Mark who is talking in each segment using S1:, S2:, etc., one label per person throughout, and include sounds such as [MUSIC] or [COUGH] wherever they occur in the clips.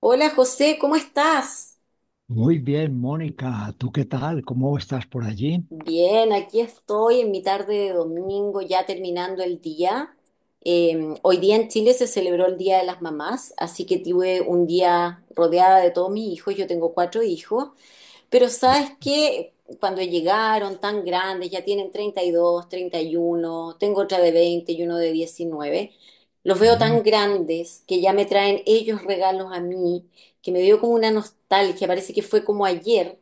S1: Hola José, ¿cómo estás?
S2: Muy bien, Mónica, ¿tú qué tal? ¿Cómo estás por allí?
S1: Bien, aquí estoy en mi tarde de domingo, ya terminando el día. Hoy día en Chile se celebró el Día de las Mamás, así que tuve un día rodeada de todos mis hijos. Yo tengo cuatro hijos, pero sabes que cuando llegaron tan grandes, ya tienen 32, 31. Tengo otra de 20, y uno de 19. Los veo
S2: Mm,
S1: tan grandes que ya me traen ellos regalos a mí, que me dio como una nostalgia, parece que fue como ayer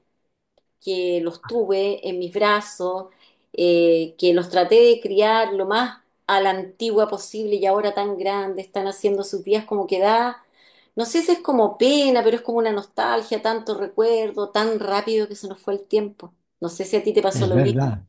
S1: que los tuve en mis brazos, que los traté de criar lo más a la antigua posible y ahora tan grandes, están haciendo sus días como que da, no sé si es como pena, pero es como una nostalgia, tanto recuerdo, tan rápido que se nos fue el tiempo. No sé si a ti te pasó
S2: es
S1: lo mismo.
S2: verdad,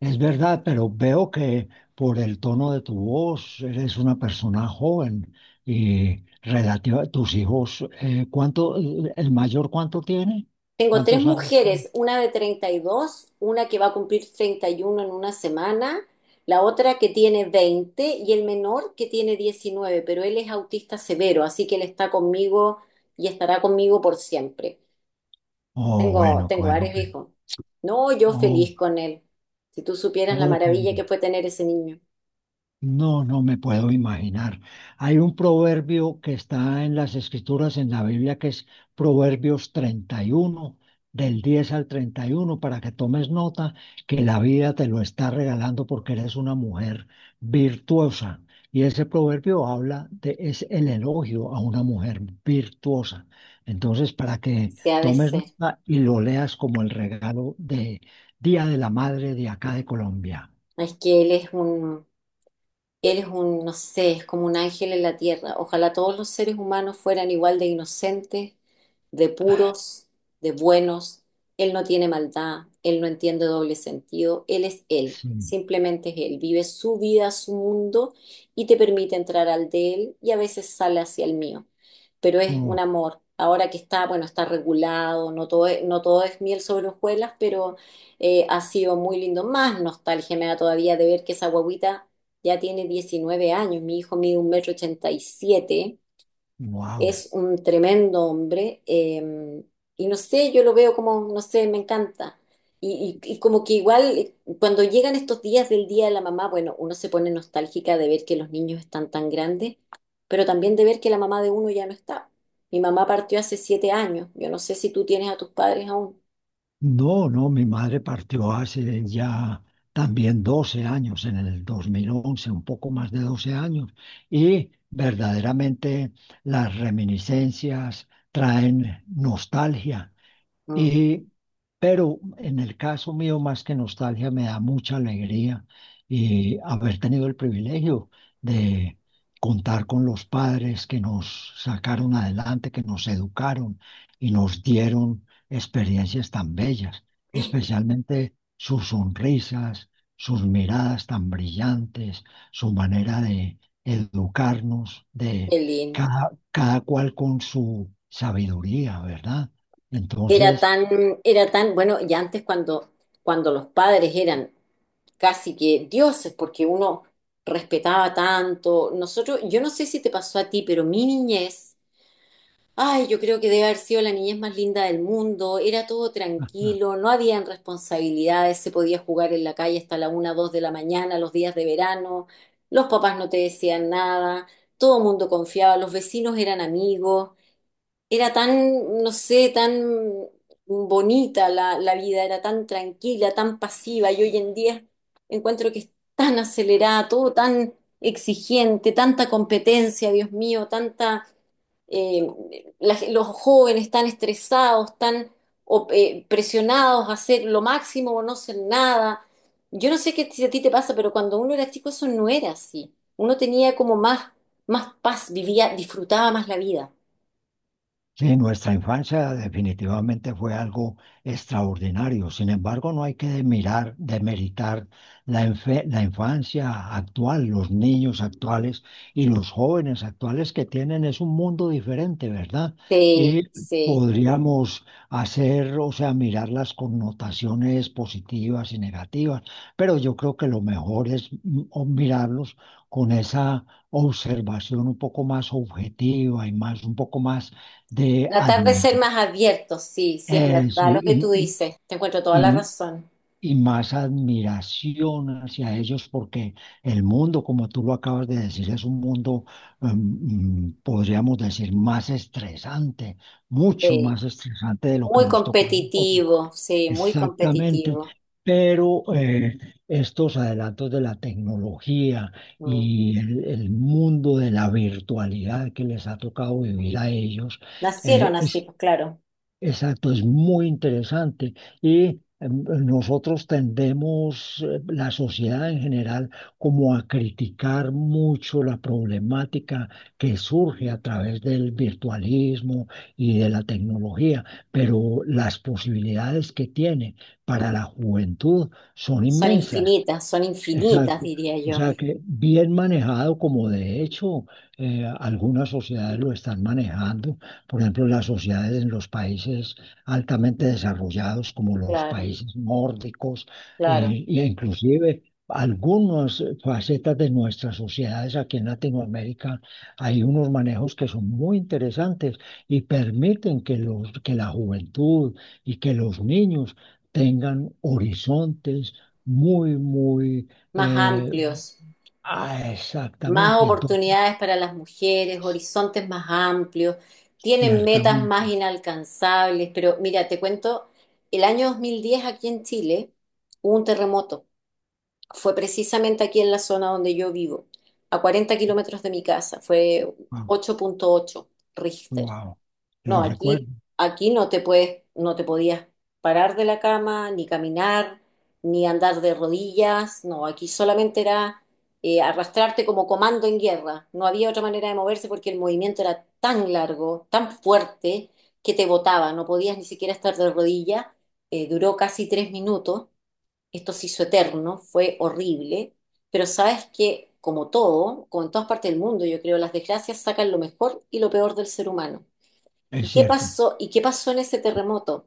S2: es verdad, pero veo que por el tono de tu voz eres una persona joven y relativa a tus hijos. ¿El mayor cuánto tiene?
S1: Tengo tres
S2: ¿Cuántos años tiene?
S1: mujeres, una de 32, una que va a cumplir 31 en una semana, la otra que tiene 20 y el menor que tiene 19. Pero él es autista severo, así que él está conmigo y estará conmigo por siempre.
S2: Oh,
S1: Tengo,
S2: bueno,
S1: tengo
S2: bueno,
S1: varios
S2: ok.
S1: hijos. No, yo
S2: Oh,
S1: feliz con él. Si tú supieras la
S2: ok.
S1: maravilla que fue tener ese niño,
S2: No, no me puedo imaginar. Hay un proverbio que está en las escrituras en la Biblia que es Proverbios 31 del 10 al 31, para que tomes nota que la vida te lo está regalando porque eres una mujer virtuosa. Y ese proverbio es el elogio a una mujer virtuosa. Entonces, para que
S1: se ha de
S2: tomes
S1: ser.
S2: nota y lo leas como el regalo de Día de la Madre de acá de Colombia.
S1: Es que él es un, Él es un, no sé, es como un ángel en la tierra. Ojalá todos los seres humanos fueran igual de inocentes, de puros, de buenos. Él no tiene maldad, él no entiende doble sentido, él es él,
S2: Sí.
S1: simplemente es él. Vive su vida, su mundo y te permite entrar al de él y a veces sale hacia el mío. Pero es un
S2: Oh.
S1: amor. Ahora que está, bueno, está regulado, no todo es, no todo es miel sobre hojuelas, pero ha sido muy lindo. Más nostalgia me da todavía de ver que esa guaguita ya tiene 19 años, mi hijo mide 1,87 metros,
S2: Wow.
S1: es un tremendo hombre, y no sé, yo lo veo como, no sé, me encanta. Y como que igual, cuando llegan estos días del Día de la Mamá, bueno, uno se pone nostálgica de ver que los niños están tan grandes, pero también de ver que la mamá de uno ya no está. Mi mamá partió hace 7 años, yo no sé si tú tienes a tus padres aún.
S2: No, no, mi madre partió hace ya también 12 años, en el 2011, un poco más de 12 años, y verdaderamente las reminiscencias traen nostalgia.
S1: Mm.
S2: Y, pero en el caso mío, más que nostalgia, me da mucha alegría haber tenido el privilegio de contar con los padres que nos sacaron adelante, que nos educaron y nos dieron experiencias tan bellas, especialmente sus sonrisas, sus miradas tan brillantes, su manera de educarnos, de
S1: Qué lindo.
S2: cada cual con su sabiduría, ¿verdad?
S1: Era
S2: Entonces.
S1: tan, era tan, bueno, y antes cuando, cuando los padres eran casi que dioses, porque uno respetaba tanto. Nosotros, yo no sé si te pasó a ti, pero mi niñez, ay, yo creo que debe haber sido la niñez más linda del mundo. Era todo tranquilo, no habían responsabilidades, se podía jugar en la calle hasta la una, dos de la mañana, los días de verano. Los papás no te decían nada, todo el mundo confiaba, los vecinos eran amigos. Era tan, no sé, tan bonita la vida, era tan tranquila, tan pasiva, y hoy en día encuentro que es tan acelerada, todo tan exigente, tanta competencia, Dios mío, tanta, eh, los jóvenes tan estresados, tan presionados a hacer lo máximo o no hacer nada. Yo no sé qué si a ti te pasa, pero cuando uno era chico eso no era así. Uno tenía como más, más paz, vivía, disfrutaba más la vida.
S2: Sí, nuestra infancia definitivamente fue algo extraordinario. Sin embargo, no hay que demeritar la infancia actual, los niños actuales y los jóvenes actuales, que tienen es un mundo diferente, ¿verdad? Y
S1: Sí, sí.
S2: podríamos hacer, o sea, mirar las connotaciones positivas y negativas, pero yo creo que lo mejor es o mirarlos con esa observación un poco más objetiva y más, un poco más de
S1: Tratar de ser más abiertos, sí, sí es
S2: eso,
S1: verdad lo que tú dices. Te encuentro toda la
S2: y-
S1: razón.
S2: y más admiración hacia ellos porque el mundo, como tú lo acabas de decir, es un mundo, em, podríamos decir, más estresante, mucho
S1: Sí.
S2: más estresante de lo que
S1: Muy
S2: nos tocó a nosotros.
S1: competitivo, sí, muy
S2: Exactamente.
S1: competitivo.
S2: Pero estos adelantos de la tecnología
S1: Mm.
S2: y el mundo de la virtualidad que les ha tocado vivir a ellos,
S1: Nacieron así,
S2: es
S1: pues claro.
S2: Exacto, es muy interesante. Y nosotros tendemos, la sociedad en general, como a criticar mucho la problemática que surge a través del virtualismo y de la tecnología, pero las posibilidades que tiene para la juventud son inmensas.
S1: Son infinitas,
S2: Exacto.
S1: diría
S2: O
S1: yo.
S2: sea que bien manejado, como de hecho algunas sociedades lo están manejando, por ejemplo, las sociedades en los países altamente desarrollados como los
S1: Claro,
S2: países nórdicos,
S1: claro.
S2: e inclusive algunas facetas de nuestras sociedades aquí en Latinoamérica, hay unos manejos que son muy interesantes y permiten que que la juventud y que los niños tengan horizontes muy, muy
S1: Más
S2: eh,
S1: amplios,
S2: ah,
S1: más
S2: exactamente, entonces,
S1: oportunidades para las mujeres, horizontes más amplios, tienen metas
S2: ciertamente.
S1: más inalcanzables. Pero mira, te cuento, el año 2010 aquí en Chile hubo un terremoto. Fue precisamente aquí en la zona donde yo vivo, a 40 kilómetros de mi casa, fue 8,8 Richter.
S2: Wow,
S1: No,
S2: lo recuerdo.
S1: aquí, aquí no te puedes, no te podías parar de la cama, ni caminar, ni andar de rodillas, no, aquí solamente era arrastrarte como comando en guerra, no había otra manera de moverse porque el movimiento era tan largo, tan fuerte, que te botaba, no podías ni siquiera estar de rodillas. Duró casi 3 minutos, esto se hizo eterno, fue horrible, pero sabes que, como todo, como en todas partes del mundo, yo creo, las desgracias sacan lo mejor y lo peor del ser humano. ¿Y
S2: Es
S1: qué
S2: cierto,
S1: pasó? ¿Y qué pasó en ese terremoto?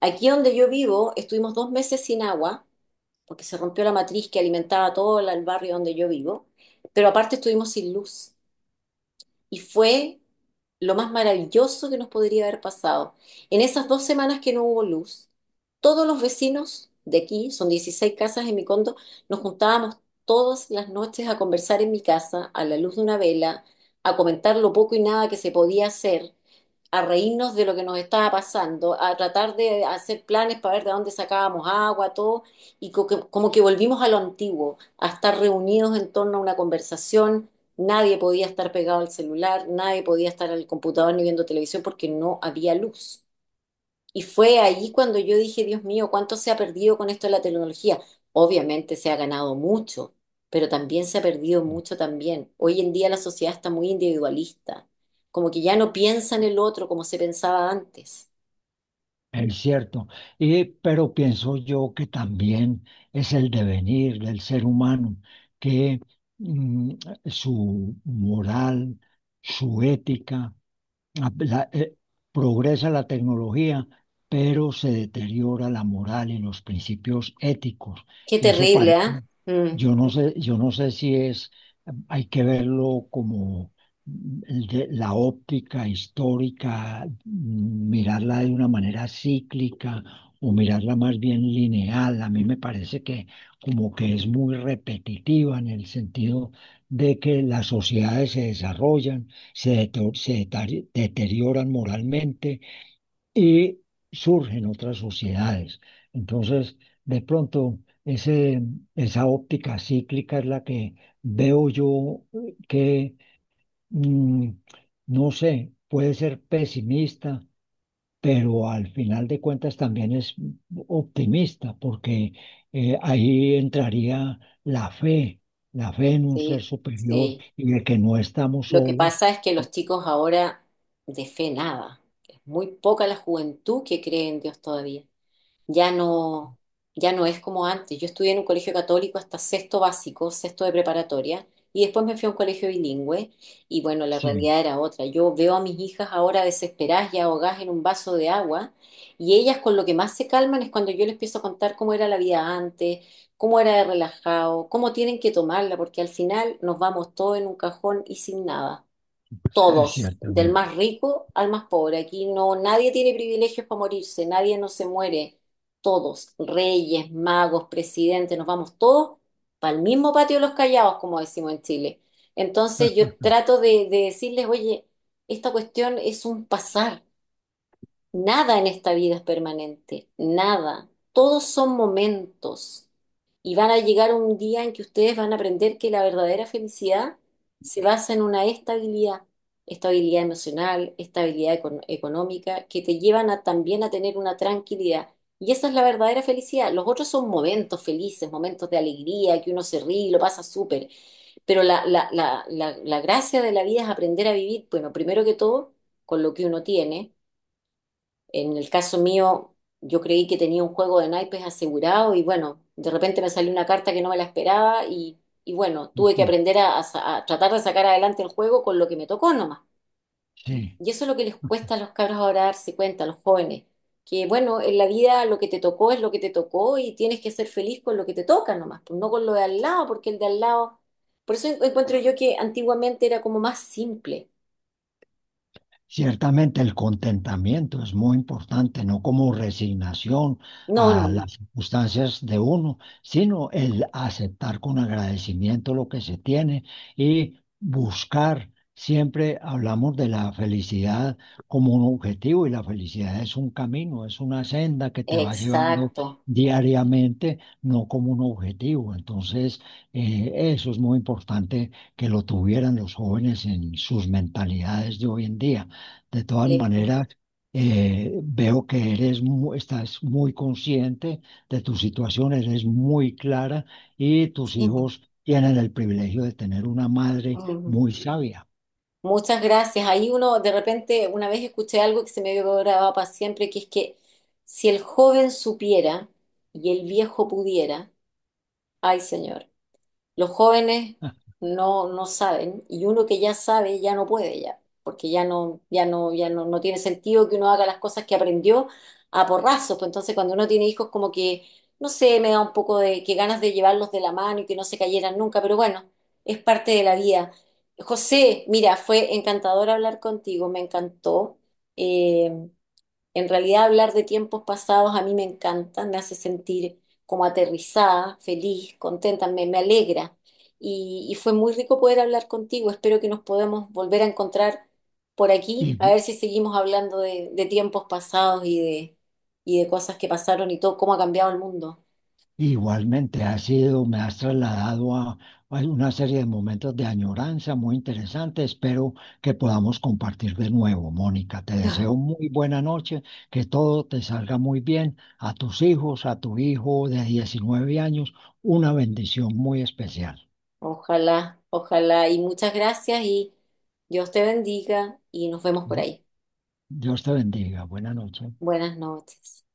S1: Aquí donde yo vivo, estuvimos 2 meses sin agua, porque se rompió la matriz que alimentaba todo el barrio donde yo vivo, pero aparte estuvimos sin luz y fue lo más maravilloso que nos podría haber pasado. En esas 2 semanas que no hubo luz, todos los vecinos de aquí, son 16 casas en mi condo, nos juntábamos todas las noches a conversar en mi casa a la luz de una vela, a comentar lo poco y nada que se podía hacer, a reírnos de lo que nos estaba pasando, a tratar de hacer planes para ver de dónde sacábamos agua, todo, y como que volvimos a lo antiguo, a estar reunidos en torno a una conversación. Nadie podía estar pegado al celular, nadie podía estar al computador ni viendo televisión porque no había luz. Y fue ahí cuando yo dije, Dios mío, ¿cuánto se ha perdido con esto de la tecnología? Obviamente se ha ganado mucho, pero también se ha perdido mucho también. Hoy en día la sociedad está muy individualista, como que ya no piensa en el otro como se pensaba antes.
S2: es cierto. Pero pienso yo que también es el devenir del ser humano, que mm, su moral, su ética, la- la- eh, progresa la tecnología, pero se deteriora la moral y los principios éticos.
S1: Qué
S2: Y eso
S1: terrible,
S2: parece,
S1: ¿ah? Mm,
S2: yo no sé, si es, hay que verlo como, la óptica histórica, mirarla de una manera cíclica o mirarla más bien lineal. A mí me parece que como que es muy repetitiva, en el sentido de que las sociedades se desarrollan, se deterioran moralmente y surgen otras sociedades. Entonces, de pronto, ese, esa óptica cíclica es la que veo yo, que, mm, no sé, puede ser pesimista, pero al final de cuentas también es optimista, porque ahí entraría la fe, la fe en un ser
S1: sí,
S2: superior
S1: sí.
S2: y de que no estamos
S1: Lo que
S2: solos.
S1: pasa es que los chicos ahora de fe nada. Es muy poca la juventud que cree en Dios todavía. Ya no, ya no es como antes. Yo estudié en un colegio católico hasta sexto básico, sexto de preparatoria, y después me fui a un colegio bilingüe, y bueno, la
S2: Sí,
S1: realidad era otra. Yo veo a mis hijas ahora desesperadas y ahogadas en un vaso de agua, y ellas con lo que más se calman es cuando yo les empiezo a contar cómo era la vida antes, cómo era de relajado, cómo tienen que tomarla, porque al final nos vamos todos en un cajón y sin nada
S2: sí,
S1: todos, del
S2: ciertamente.
S1: más rico al más pobre. Aquí no, nadie tiene privilegios para morirse, nadie no se muere. Todos, reyes, magos, presidentes, nos vamos todos para el mismo patio de los callados, como decimos en Chile. Entonces yo trato de decirles, oye, esta cuestión es un pasar. Nada en esta vida es permanente, nada. Todos son momentos y van a llegar un día en que ustedes van a aprender que la verdadera felicidad se basa en una estabilidad, estabilidad emocional, estabilidad económica, que te llevan a, también a tener una tranquilidad. Y esa es la verdadera felicidad. Los otros son momentos felices, momentos de alegría, que uno se ríe y lo pasa súper. Pero la gracia de la vida es aprender a vivir, bueno, primero que todo, con lo que uno tiene en el caso mío, yo creí que tenía un juego de naipes asegurado y bueno, de repente me salió una carta que no me la esperaba y bueno, tuve que
S2: [LAUGHS]
S1: aprender a, a tratar de sacar adelante el juego con lo que me tocó nomás.
S2: Sí.
S1: Y eso es lo que les cuesta a los cabros ahora darse cuenta, a los jóvenes, que bueno, en la vida lo que te tocó es lo que te tocó y tienes que ser feliz con lo que te toca nomás, pues no con lo de al lado, porque el de al lado... Por eso encuentro yo que antiguamente era como más simple.
S2: Ciertamente el contentamiento es muy importante, no como resignación
S1: No, no,
S2: a las circunstancias de uno, sino el aceptar con agradecimiento lo que se tiene y buscar. Siempre hablamos de la felicidad como un objetivo, y la felicidad es un camino, es una senda que te va llevando
S1: exacto.
S2: diariamente, no como un objetivo. Entonces, eso es muy importante que lo tuvieran los jóvenes en sus mentalidades de hoy en día. De todas
S1: Eh,
S2: maneras, veo que estás muy consciente de tu situación, eres muy clara y tus
S1: sí.
S2: hijos tienen el privilegio de tener una madre muy sabia.
S1: Muchas gracias. Ahí uno, de repente, una vez escuché algo que se me quedó grabado para siempre, que es que si el joven supiera y el viejo pudiera, ay señor, los jóvenes
S2: [LAUGHS]
S1: no, no saben y uno que ya sabe ya no puede ya, porque ya no, ya no, ya no, no tiene sentido que uno haga las cosas que aprendió a porrazos. Pues entonces cuando uno tiene hijos como que, no sé, me da un poco de que ganas de llevarlos de la mano y que no se cayeran nunca, pero bueno, es parte de la vida. José, mira, fue encantador hablar contigo, me encantó. Eh, en realidad hablar de tiempos pasados a mí me encanta, me hace sentir como aterrizada, feliz, contenta, me alegra. Y fue muy rico poder hablar contigo. Espero que nos podamos volver a encontrar por aquí, a
S2: Y
S1: ver si seguimos hablando de tiempos pasados y de cosas que pasaron y todo, cómo ha cambiado el mundo.
S2: Igualmente, me has trasladado a, una serie de momentos de añoranza muy interesantes. Espero que podamos compartir de nuevo, Mónica. Te deseo muy buena noche, que todo te salga muy bien. A tus hijos, a tu hijo de 19 años, una bendición muy especial.
S1: Ojalá, ojalá. Y muchas gracias y Dios te bendiga y nos vemos por
S2: Di-
S1: ahí.
S2: Dios te bendiga. Buena noche.
S1: Buenas noches.